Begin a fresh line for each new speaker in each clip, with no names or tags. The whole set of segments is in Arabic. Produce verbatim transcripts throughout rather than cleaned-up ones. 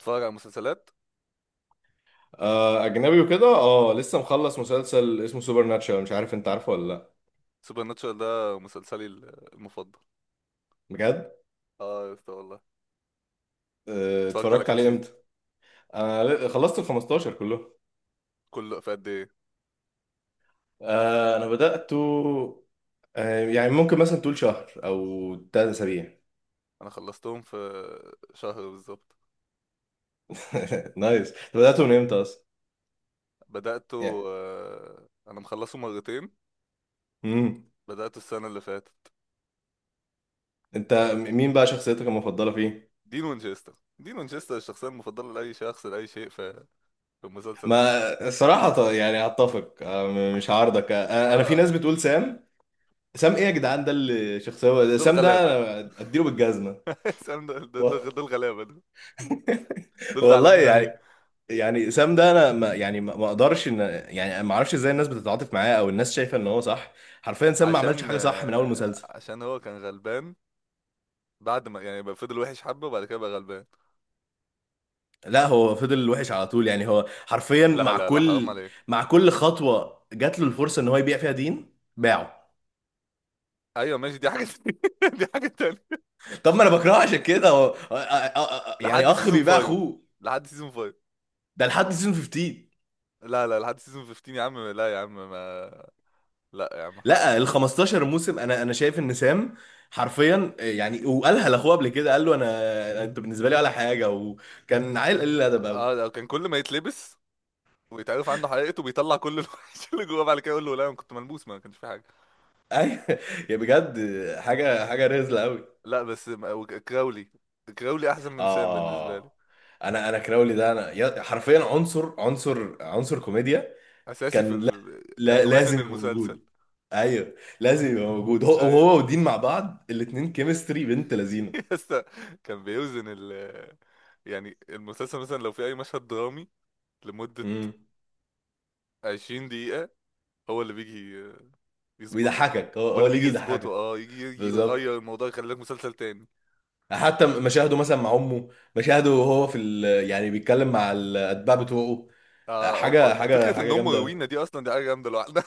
اتفرج على مسلسلات.
آه، اجنبي وكده، اه لسه مخلص مسلسل اسمه سوبر ناتشورال. مش عارف انت عارفه ولا لا؟
سوبر ناتشورال ده مسلسلي ال- المفضل.
بجد؟
اه يا اسطى، والله.
آه،
اتفرجت على
اتفرجت
كام
عليه
سيزون؟
امتى؟ انا ل- خلصت ال خمسة عشر كله.
كله في قد ايه؟
آه، انا بدأته. آه، يعني ممكن مثلا تقول شهر او تلات اسابيع.
انا خلصتهم في شهر بالظبط.
نايس. انت بدأته من امتى اصلا؟ يعني
بدأته، آه انا مخلصه مرتين.
امم
بدأته السنة اللي فاتت.
انت م- مين بقى شخصيتك المفضلة فيه؟
دين وينشستر. دين وينشستر الشخصية المفضلة لأي شخص لأي شيء في في المسلسل ده.
ما الصراحة ط- يعني هتفق، آه، م- مش هعارضك. آه، انا في
اه،
ناس بتقول سام. سام ايه يا جدعان؟ ده اللي شخصية؟
دول
سام ده
غلابة.
انا اديله بالجزمة.
سام دول دول دول غلابة دول. دول
والله
زعلانين عليه.
يعني. يعني سام ده انا ما يعني ما ما اقدرش ان... يعني ما اعرفش ازاي الناس بتتعاطف معاه او الناس شايفه ان هو صح. حرفيا سام ما عملش
عشان
حاجه صح من اول
آه،
مسلسل.
عشان هو كان غلبان. بعد ما، يعني، بقى فضل وحش حبة، وبعد كده بقى غلبان.
لا هو فضل وحش على طول، يعني هو حرفيا
لا
مع
لا لا، حرام
كل...
عليك.
مع كل خطوه جات له الفرصه ان هو يبيع فيها دين، باعه.
ايوه ماشي، دي حاجه تانية. دي حاجه تانية.
طب ما انا بكرهه عشان كده. هو أ- أ- أ- يعني
لحد
اخ
سيزون
بيباع
خمسة.
اخوه.
لحد سيزون خمسة.
ده لحد سيزون خمستاشر.
لا لا، لحد سيزون خمستاشر يا عم. لا يا عم، ما. لا يا عم، حرام.
لا، ال خمستاشر موسم، انا انا شايف ان سام حرفيا يعني، وقالها لاخوه قبل كده، قال له انا انت بالنسبه لي ولا حاجه، وكان عيل قليل الادب قوي.
اه، ده كان كل ما يتلبس ويتعرف عنده حقيقته بيطلع كل الوحش اللي جواه. بعد كده يقول له لا، انا كنت ملبوس، ما كانش في حاجه.
ايوه يا بجد. حاجه حاجه رزله قوي.
لا، بس ما- وك- كراولي. كراولي احسن من سام بالنسبه لي.
اه. انا انا كراولي ده انا يا- حرفيا عنصر عنصر عنصر كوميديا.
اساسي في
كان، لا.
ال... كان
لا،
وزن
لازم يبقى
المسلسل.
موجود. ايوه. لازم يبقى موجود. هو
ايوه
هو ودين مع بعض، الاتنين كيمستري بنت لذينه.
يسا. كان بيوزن ال. يعني المسلسل مثلا، لو في اي مشهد درامي لمده
امم
عشرين دقيقة، هو اللي بيجي يظبطه
بيضحكك، هو
هو
هو
اللي
اللي
بيجي
يجي
يظبطه.
يضحكك.
اه يجي
بالظبط.
يغير الموضوع، يخلي لك مسلسل تاني.
حتى مشاهده مثلا مع امه، مشاهده وهو في ال... يعني بيتكلم مع الاتباع بتوعه.
آه هم
حاجه حاجه
فكرة ان
حاجه
هم
جامده.
روينا دي اصلا، دي حاجة جامدة لوحدها.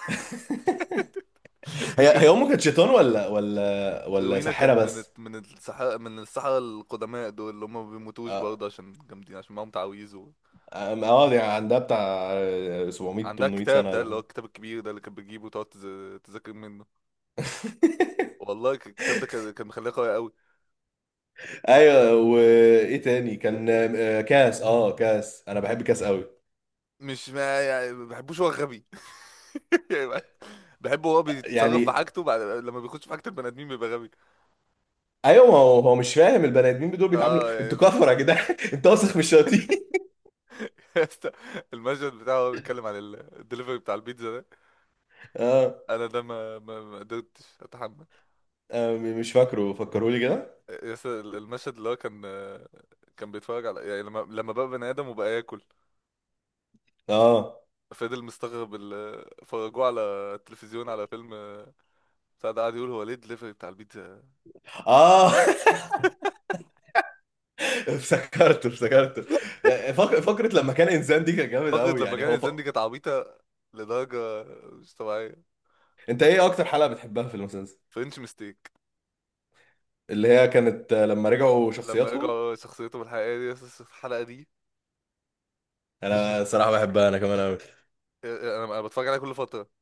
هي هي
فكرة.
امه كانت شيطان ولا ولا ولا
روينا كان
ساحره
من
بس؟
الت- من السحرة من السحرة القدماء دول، اللي هم ما بيموتوش
اه.
برضه عشان جامدين، عشان معاهم تعاويذ و...
اه، يعني عندها بتاع سبعمية
عندها
تمنمية
الكتاب
سنه
ده،
ولا
اللي هو
حاجه.
الكتاب الكبير ده اللي كانت بتجيبه وتقعد تز- تذاكر منه. والله، ك- الكتاب ده كان كان مخليها قوية قوي.
ايوه، وايه تاني كان؟ آه، كاس اه كاس، انا بحب كاس قوي.
مش ما، يعني، ما بحبوش، هو غبي. يعني. بحبه، هو بيتصرف
يعني.
بحاجته، بعد لما بيخش في حاجة البني آدمين بيبقى غبي.
ايوه، ما هو هو مش فاهم. البني ادمين دول بيتعاملوا
اه،
انتوا
يعني.
كفره يا جدعان؟ انت واثق من الشياطين؟
المشهد بتاعه وهو بيتكلم عن ال- الدليفري بتاع البيتزا ده.
اه.
انا ده ما ما ما قدرتش اتحمل.
آه، مش فاكره، فكروا لي كده.
يس، المشهد اللي هو كان كان بيتفرج على، يعني، لما لما بقى بني ادم وبقى ياكل.
اه.
فضل مستغرب ال... فرجوه على التلفزيون على فيلم بتاع ده، قعد يقول هو ليه الدليفري بتاع البيتزا.
اه افتكرته افتكرته. فق- فقرة لما كان انسان دي كان جامد
فقرة
قوي،
لما
يعني هو
كانت
ف...
زندي كانت عبيطة لدرجة مش طبيعية.
انت ايه اكتر حلقة بتحبها في المسلسل؟
فرنش ميستيك،
اللي هي كانت، آه، لما رجعوا
لما
شخصياتهم.
رجعوا شخصيته الحقيقية دي. يس، الحلقة دي فشيخ.
انا صراحة بحبها انا كمان قوي.
انا أنا بتفرج عليها كل فترة.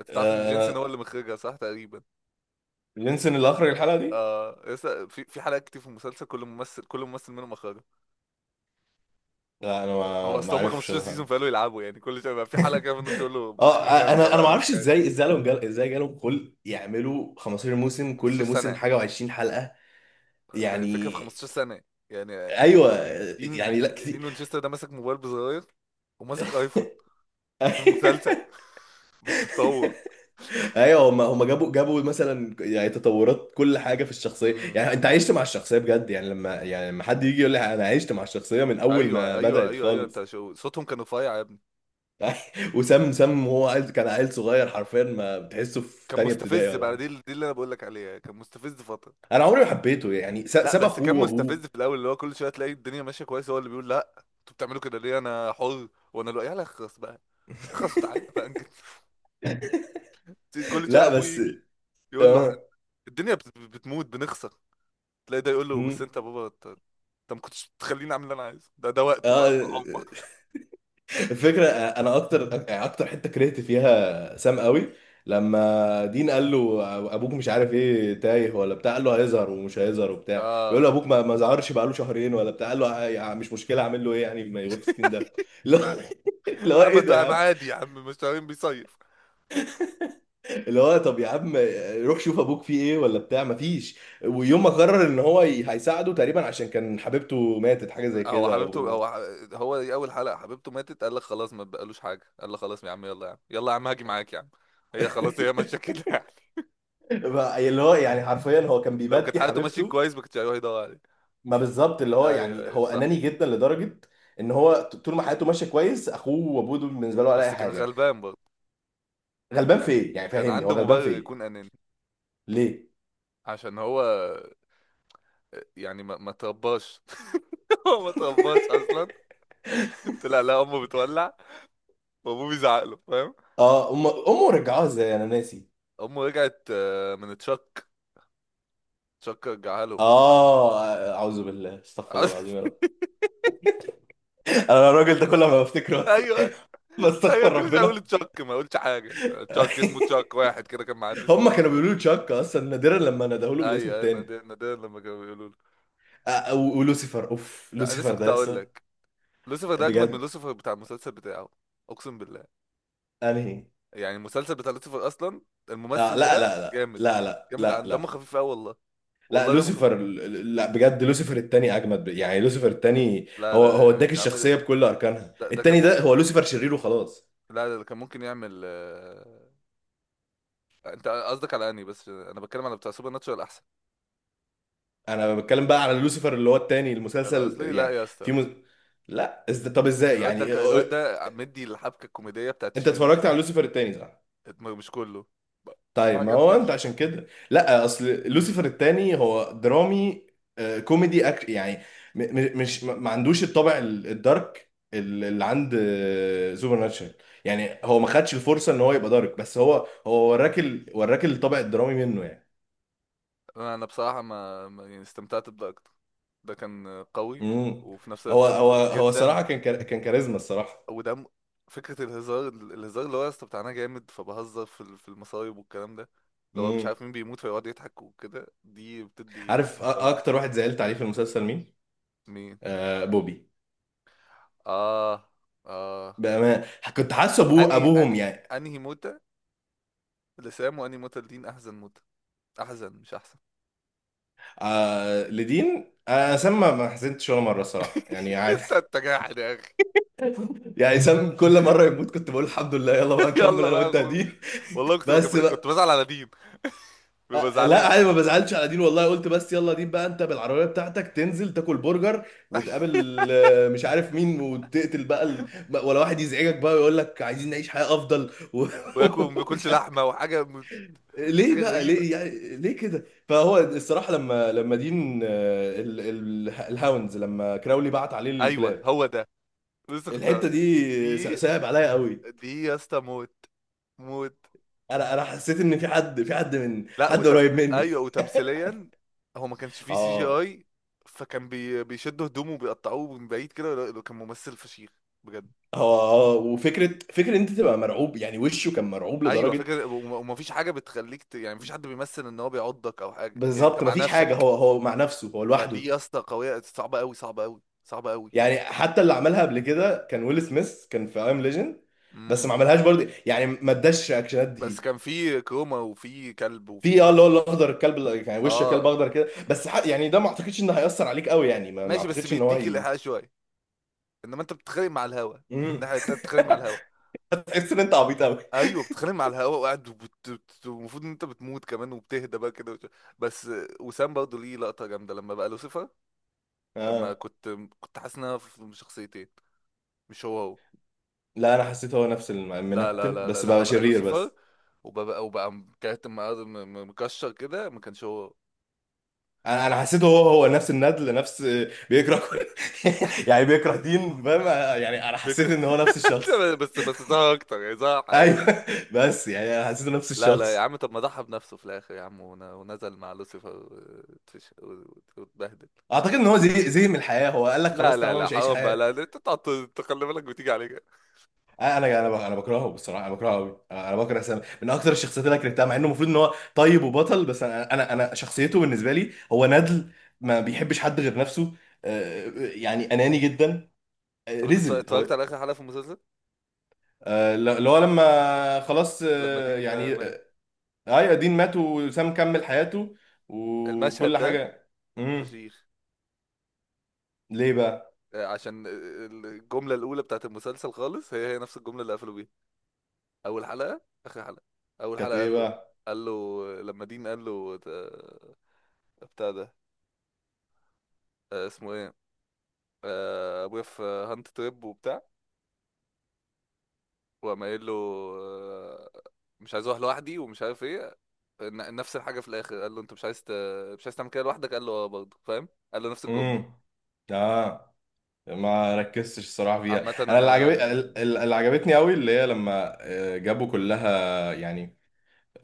انت تعرف ان
آه،
جينسون
انا
هو اللي مخرجها، صح؟ تقريبا.
لينسون اللي اخرج الحلقة دي؟
اه، لسه في في حلقات كتير في المسلسل، كل ممثل كل ممثل منهم مخرجها.
لا انا
هو
ما ما
اصل هم
اعرفش
خمستاشر سيزون،
الحلقة.
فقالوا يلعبوا، يعني كل شويه بقى في حلقه كده في النص يقول له ما
اه.
تخرجها انت
انا انا
بقى،
ما
انا مش
اعرفش
قادر.
ازاي ازاي لهم جال... ازاي جالهم خلق يعملوا خمسة عشر موسم،
خمسة عشر
كل موسم
سنه.
حاجة و20 حلقة.
فكره، في
يعني.
خمسة عشر سنه، يعني،
ايوه.
دين
يعني لا
دين
كتير.
وينشستر ده ماسك موبايل بزراير وماسك ايفون في المسلسل. بالتطور.
ايوه، هم هم جابوا جابوا مثلا يعني تطورات كل حاجه في الشخصيه.
امم.
يعني انت عشت مع الشخصيه بجد، يعني لما يعني لما حد يجي يقول لي انا عشت مع الشخصيه من اول
ايوه
ما
ايوه
بدات
ايوه ايوه،
خالص.
انت شو صوتهم كان رفيع يا ابني.
وسام سام هو عيل- كان عيل صغير، حرفيا ما بتحسه في
كان
تانية ابتدائي
مستفز
ولا
بقى. دي
حاجه.
دي اللي انا بقول لك عليها، كان مستفز فتره.
انا عمري ما حبيته. يعني س-
لا،
ساب
بس
اخوه
كان
وابوه.
مستفز في الاول، اللي هو كل شويه تلاقي الدنيا ماشيه كويس هو اللي بيقول لا، انتوا بتعملوا كده ليه، انا حر، وانا لو يلا اخلص بقى. اخلص وتعالى بقى انجز. كل شويه
لا
ابوه
بس.
يجي يقول له هن-
اه.
الدنيا بت- بتموت، بنخسر. تلاقي ده يقول له بس
مم.
انت يا بابا، انت انت ما كنتش تخليني اعمل اللي انا عايزه، ده ده وقته بقى
اه.
بالعمر.
الفكره، انا اكتر يعني اكتر حته كرهت فيها سام قوي لما دين قال له ابوك مش عارف ايه، تايه ولا بتاع. قال له: هيظهر ومش هيظهر وبتاع. بيقول
اه.
له ابوك ما ما ظهرش بقاله شهرين ولا بتاع. قال له: "يا عم مش مشكله، اعمل له ايه يعني، ما يغور في ستين ده". اللي هو
يا
اللي هو
عم،
ايه ده يا
تعب
عم؟
عادي يا عم، مش تعبان بيصيف.
اللي هو طب يا عم، روح شوف ابوك فيه ايه ولا بتاع ما فيش. ويوم ما قرر ان هو ي- هيساعده تقريبا، عشان كان حبيبته ماتت حاجه زي
لا، هو
كده
حبيبته،
و...
هو ح- هو دي اول حلقه حبيبته ماتت، قال لك خلاص ما بقالوش حاجه، قال لك خلاص يا عم، يلا يا عم، يلا يا عم هاجي معاك يا عم. هي خلاص، هي ماشيه كده.
بقى اللي هو يعني حرفيا هو كان
لو كانت
بيبكي
حالته ماشية
حبيبته.
كويس ما كانش هيروح يدور عليه.
ما بالظبط، اللي هو
ايوه
يعني
ايوه
هو
صح.
اناني جدا لدرجه ان هو ط- طول ما حياته ماشيه كويس، اخوه وابوه دول بالنسبه له ولا اي
بس كان
حاجه.
غلبان برضه.
غلبان في
يعني
ايه يعني؟
كان
فاهمني، هو
عنده
غلبان
مبرر
في ايه؟
يكون اناني.
ليه؟
عشان هو، يعني، ما ما ترباش. هو ما ترباش اصلا. طلع لا امه بتولع، وابوه بيزعق له، فاهم.
اه، أم... امه رجعوها ازاي، انا ناسي.
امه رجعت آه، من تشك. تشك رجعها له.
اه. اعوذ بالله، استغفر الله العظيم، يا رب. انا الراجل ده كل ما بفتكره بس
ايوه ايوه،
بستغفر
كل شويه اقول
ربنا.
تشك ما اقولش حاجه. تشك، اسمه تشك، واحد كده كان معدي اسمه
هم
تشك.
كانوا بيقولوا له تشاك اصلا، نادرا لما ندهوا له بالاسم
ايوه ايوه،
التاني.
نادر نادر لما كانوا بيقولوا له.
آه، و- ولوسيفر اوف
لا، لسه
لوسيفر
كنت
ده
اقول
لسه؟
لك، لوسيفر ده اجمد من
بجد؟
لوسيفر بتاع المسلسل بتاعه. اقسم بالله.
انهي؟
يعني المسلسل بتاع لوسيفر اصلا،
آه،
الممثل
لا
ده
لا لا
جامد.
لا لا
جامد،
لا
عن دمه
لا
خفيف قوي والله.
لا.
والله دمه خفيف.
لوسيفر، لا بجد لوسيفر التاني اجمد، يعني لوسيفر التاني
لا
هو
لا
هو
لا،
اداك
يا عم.
الشخصيه بكل اركانها.
ده, ده كان
التاني
مم...
ده هو لوسيفر شرير وخلاص.
لا لا، ده كان ممكن يعمل آه، انت قصدك، على اني، بس انا بتكلم على بتاع سوبر ناتشورال احسن.
انا بتكلم بقى على لوسيفر اللي هو التاني المسلسل
الاصلي، لا
يعني.
يا اسطى،
في
لا.
مز... لا، إز... طب
ال-
ازاي
الواد ده
يعني؟
ك- الواد ده مدي الحبكه الكوميديه بتاعت
انت
الشرير.
اتفرجت على لوسيفر التاني، صح؟
اتم- مش كله. ما ما
طيب ما هو انت
عجبنيش.
عشان كده، لا، اصل لوسيفر الثاني هو درامي. آه، كوميدي أك... يعني م... م- مش ما ما عندوش الطابع ال- الدارك ال- اللي عند سوبر ناتشرال. يعني هو ما خدش الفرصه ان هو يبقى دارك، بس هو هو وراك ال... وراك الطابع الدرامي منه يعني.
انا بصراحه، ما ما- يعني استمتعت بده اكتر. ده كان قوي.
امم
وفي نفس الوقت
هو
دمه
هو
خفيف
هو
جدا.
صراحه كان كار... كان كاريزما الصراحه.
ودم فكره الهزار، الهزار اللي هو يا اسطى بتاعنا جامد، فبهزر في ال- في المصايب والكلام ده، اللي هو مش
امم
عارف مين بيموت فيقعد يضحك وكده، دي بتدي
عارف أ-
فرق.
اكتر واحد زعلت عليه في المسلسل مين؟
مين؟
آه، بوبي.
اه، اه.
بأمان. كنت حاسه ابوه
اني
ابوهم
اني
يعني.
انهي موتة لسام، وانهي موتة لدين، احزن موتة. احزن، مش احسن.
آه لدين. آه سام ما ما حزنتش ولا مره الصراحه، يعني عادي.
انت انت جاحد يا اخي.
يعني سام كل مره يموت كنت بقول الحمد لله، يلا بقى نكمل
يلا
انا
بقى يا
وانت يا
اخو.
دين.
والله، كنت
بس
بك- كنت
بقى.
بزعل على دين. ببقى
آه لا
زعلان.
عادي، ما بزعلش على دين والله. قلت بس يلا دين بقى، انت بالعربيه بتاعتك تنزل تاكل برجر وتقابل آه، مش عارف مين، وتقتل بقى ال... بقى- ولا واحد يزعجك بقى ويقول لك عايزين نعيش حياه افضل و-
وياكل ما بياكلش
ومش عارف.
لحمه وحاجه.
ليه
حاجه
بقى؟
غريبه.
ليه يعني؟ ليه كده؟ فهو الصراحه لما لما دين، آه، ال... ال... الهاونز لما كراولي بعت عليه
ايوه
الكلاب.
هو ده. لسه كنت.
الحته دي س-
دي
صعب عليا قوي.
دي يا اسطى موت. موت.
انا انا حسيت ان في حد في حد من
لا
حد
وت...
قريب مني.
ايوه، وتمثيليا. هو ما كانش فيه سي جي
اه.
اي. فكان بي... بيشدوا هدومه وبيقطعوه من بعيد كده. لا، كان ممثل فشيخ بجد.
هو، اه وفكره فكره إن انت تبقى مرعوب، يعني وشه كان مرعوب
ايوه
لدرجه.
فكره. وم- وما فيش حاجه بتخليك ت... يعني مفيش حد بيمثل ان هو بيعضك او حاجه، يعني انت
بالظبط،
مع
مفيش حاجه.
نفسك.
هو هو مع نفسه، هو لوحده.
فدي يا اسطى قويه، صعبه قوي، صعبه قوي، صعبه قوي.
يعني حتى اللي عملها قبل كده كان ويل سميث، كان في ايام ليجند. بس
امم.
ما عملهاش برضه، يعني ما اداش رياكشنات
بس
دي.
كان في كروما، وفي كلب، وفي
في
مش
اه اللي
عارف.
هو الاخضر، الكلب ال- يعني وش كلب
اه
اخضر كده. بس ح- يعني ده ما اعتقدش ان هيأثر عليك قوي، يعني ما ما
ماشي، بس
اعتقدش ان هو
بيديك
هي...
الإيحاء شوية. إنما أنت بتتخانق مع الهوا في
مم.
الناحية التانية، بتتخانق مع الهوا.
هتحس ان انت عبيط قوي.
أيوه، بتتخانق مع الهوا وقاعد، وبت- بت- المفروض إن أنت بتموت كمان، وبتهدى بقى كده وت- بس. وسام برضه ليه لقطة جامدة لما بقى لوسيفر. لما
اه
كنت، كنت حاسس إن أنا في شخصيتين، مش هو هو.
لا، انا حسيته هو نفس الم-
لا لا
المنتن
لا لا،
بس
لما
بقى
بقى
شرير
لوسيفر
بس.
وبقى وبقى كاتم مكشر كده، ما كانش هو هو.
انا انا حسيته هو هو نفس الندل، نفس بيكره كل يعني بيكره دين، فاهم. يعني انا
بيك-
حسيت ان هو نفس الشخص.
بس بس ظهر أكتر، يعني ظهر حقيقي.
ايوه بس يعني انا حسيته نفس
لا لا يا
الشخص.
عم، طب ما ضحى بنفسه في الاخر يا عم، ون- ونزل مع لوسيفر وتش- وت- واتبهدل.
اعتقد ان هو زي زي من الحياه، هو قال لك
لا
خلاص
لا
طالما
لا،
مش هعيش
حرام بقى.
حياه.
لا لا، انت تقعد تخلي بالك وتيجي عليك.
انا انا ب- انا بكرهه. بصراحه، انا بكرهه قوي. انا بكره سامي من اكتر الشخصيات اللي أنا كرهتها، مع انه المفروض ان هو طيب وبطل، بس انا انا انا شخصيته بالنسبه لي هو ندل. ما بيحبش حد غير نفسه. آه، يعني اناني جدا.
طب انت اتف-
رزل هو.
اتفرجت على اخر حلقة في المسلسل؟
آه، اللي هو لما خلاص،
لما
آه،
دين آه،
يعني
مات.
اي قديم، مات وسام كمل حياته
المشهد
وكل
ده
حاجة. امم
فشيخ.
ليه بقى؟
آه، عشان ال- الجملة الأولى بتاعت المسلسل خالص هي هي نفس الجملة اللي قفلوا بيها. أول حلقة، آخر حلقة. أول
كانت
حلقة
ايه
قال له
بقى؟
قال له لما دين قال له آه، بتاع ده، آه، اسمه ايه، آه، ابويا في هانت تريب وبتاع. وقام قايل له آه، مش عايز اروح لوحدي ومش عارف ايه. ن- نفس الحاجه في الاخر قال له انت مش عايز ت... مش عايز تعمل كده لوحدك. قال له اه، برضه فاهم، قال له نفس الجمله.
امم اه، ما ركزتش الصراحة فيها.
عامه
انا
انا.
اللي عجب ال- ال- اللي عجبتني قوي، اللي هي لما آه، جابوا كلها يعني،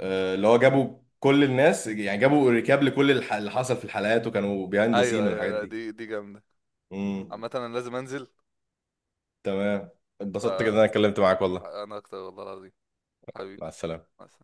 آه، اللي هو جابوا كل الناس يعني، جابوا ريكاب لكل الح- اللي حصل في الحلقات، وكانوا بيهاند
ايوه
سين
ايوه
والحاجات
لا،
دي.
دي دي جامده.
امم
عامه انا لازم انزل.
تمام. اتبسطت جدا إن
فانا
انا اتكلمت معاك والله.
اكتر والله العظيم. حبيبي.
مع السلامة.
مع السلامة.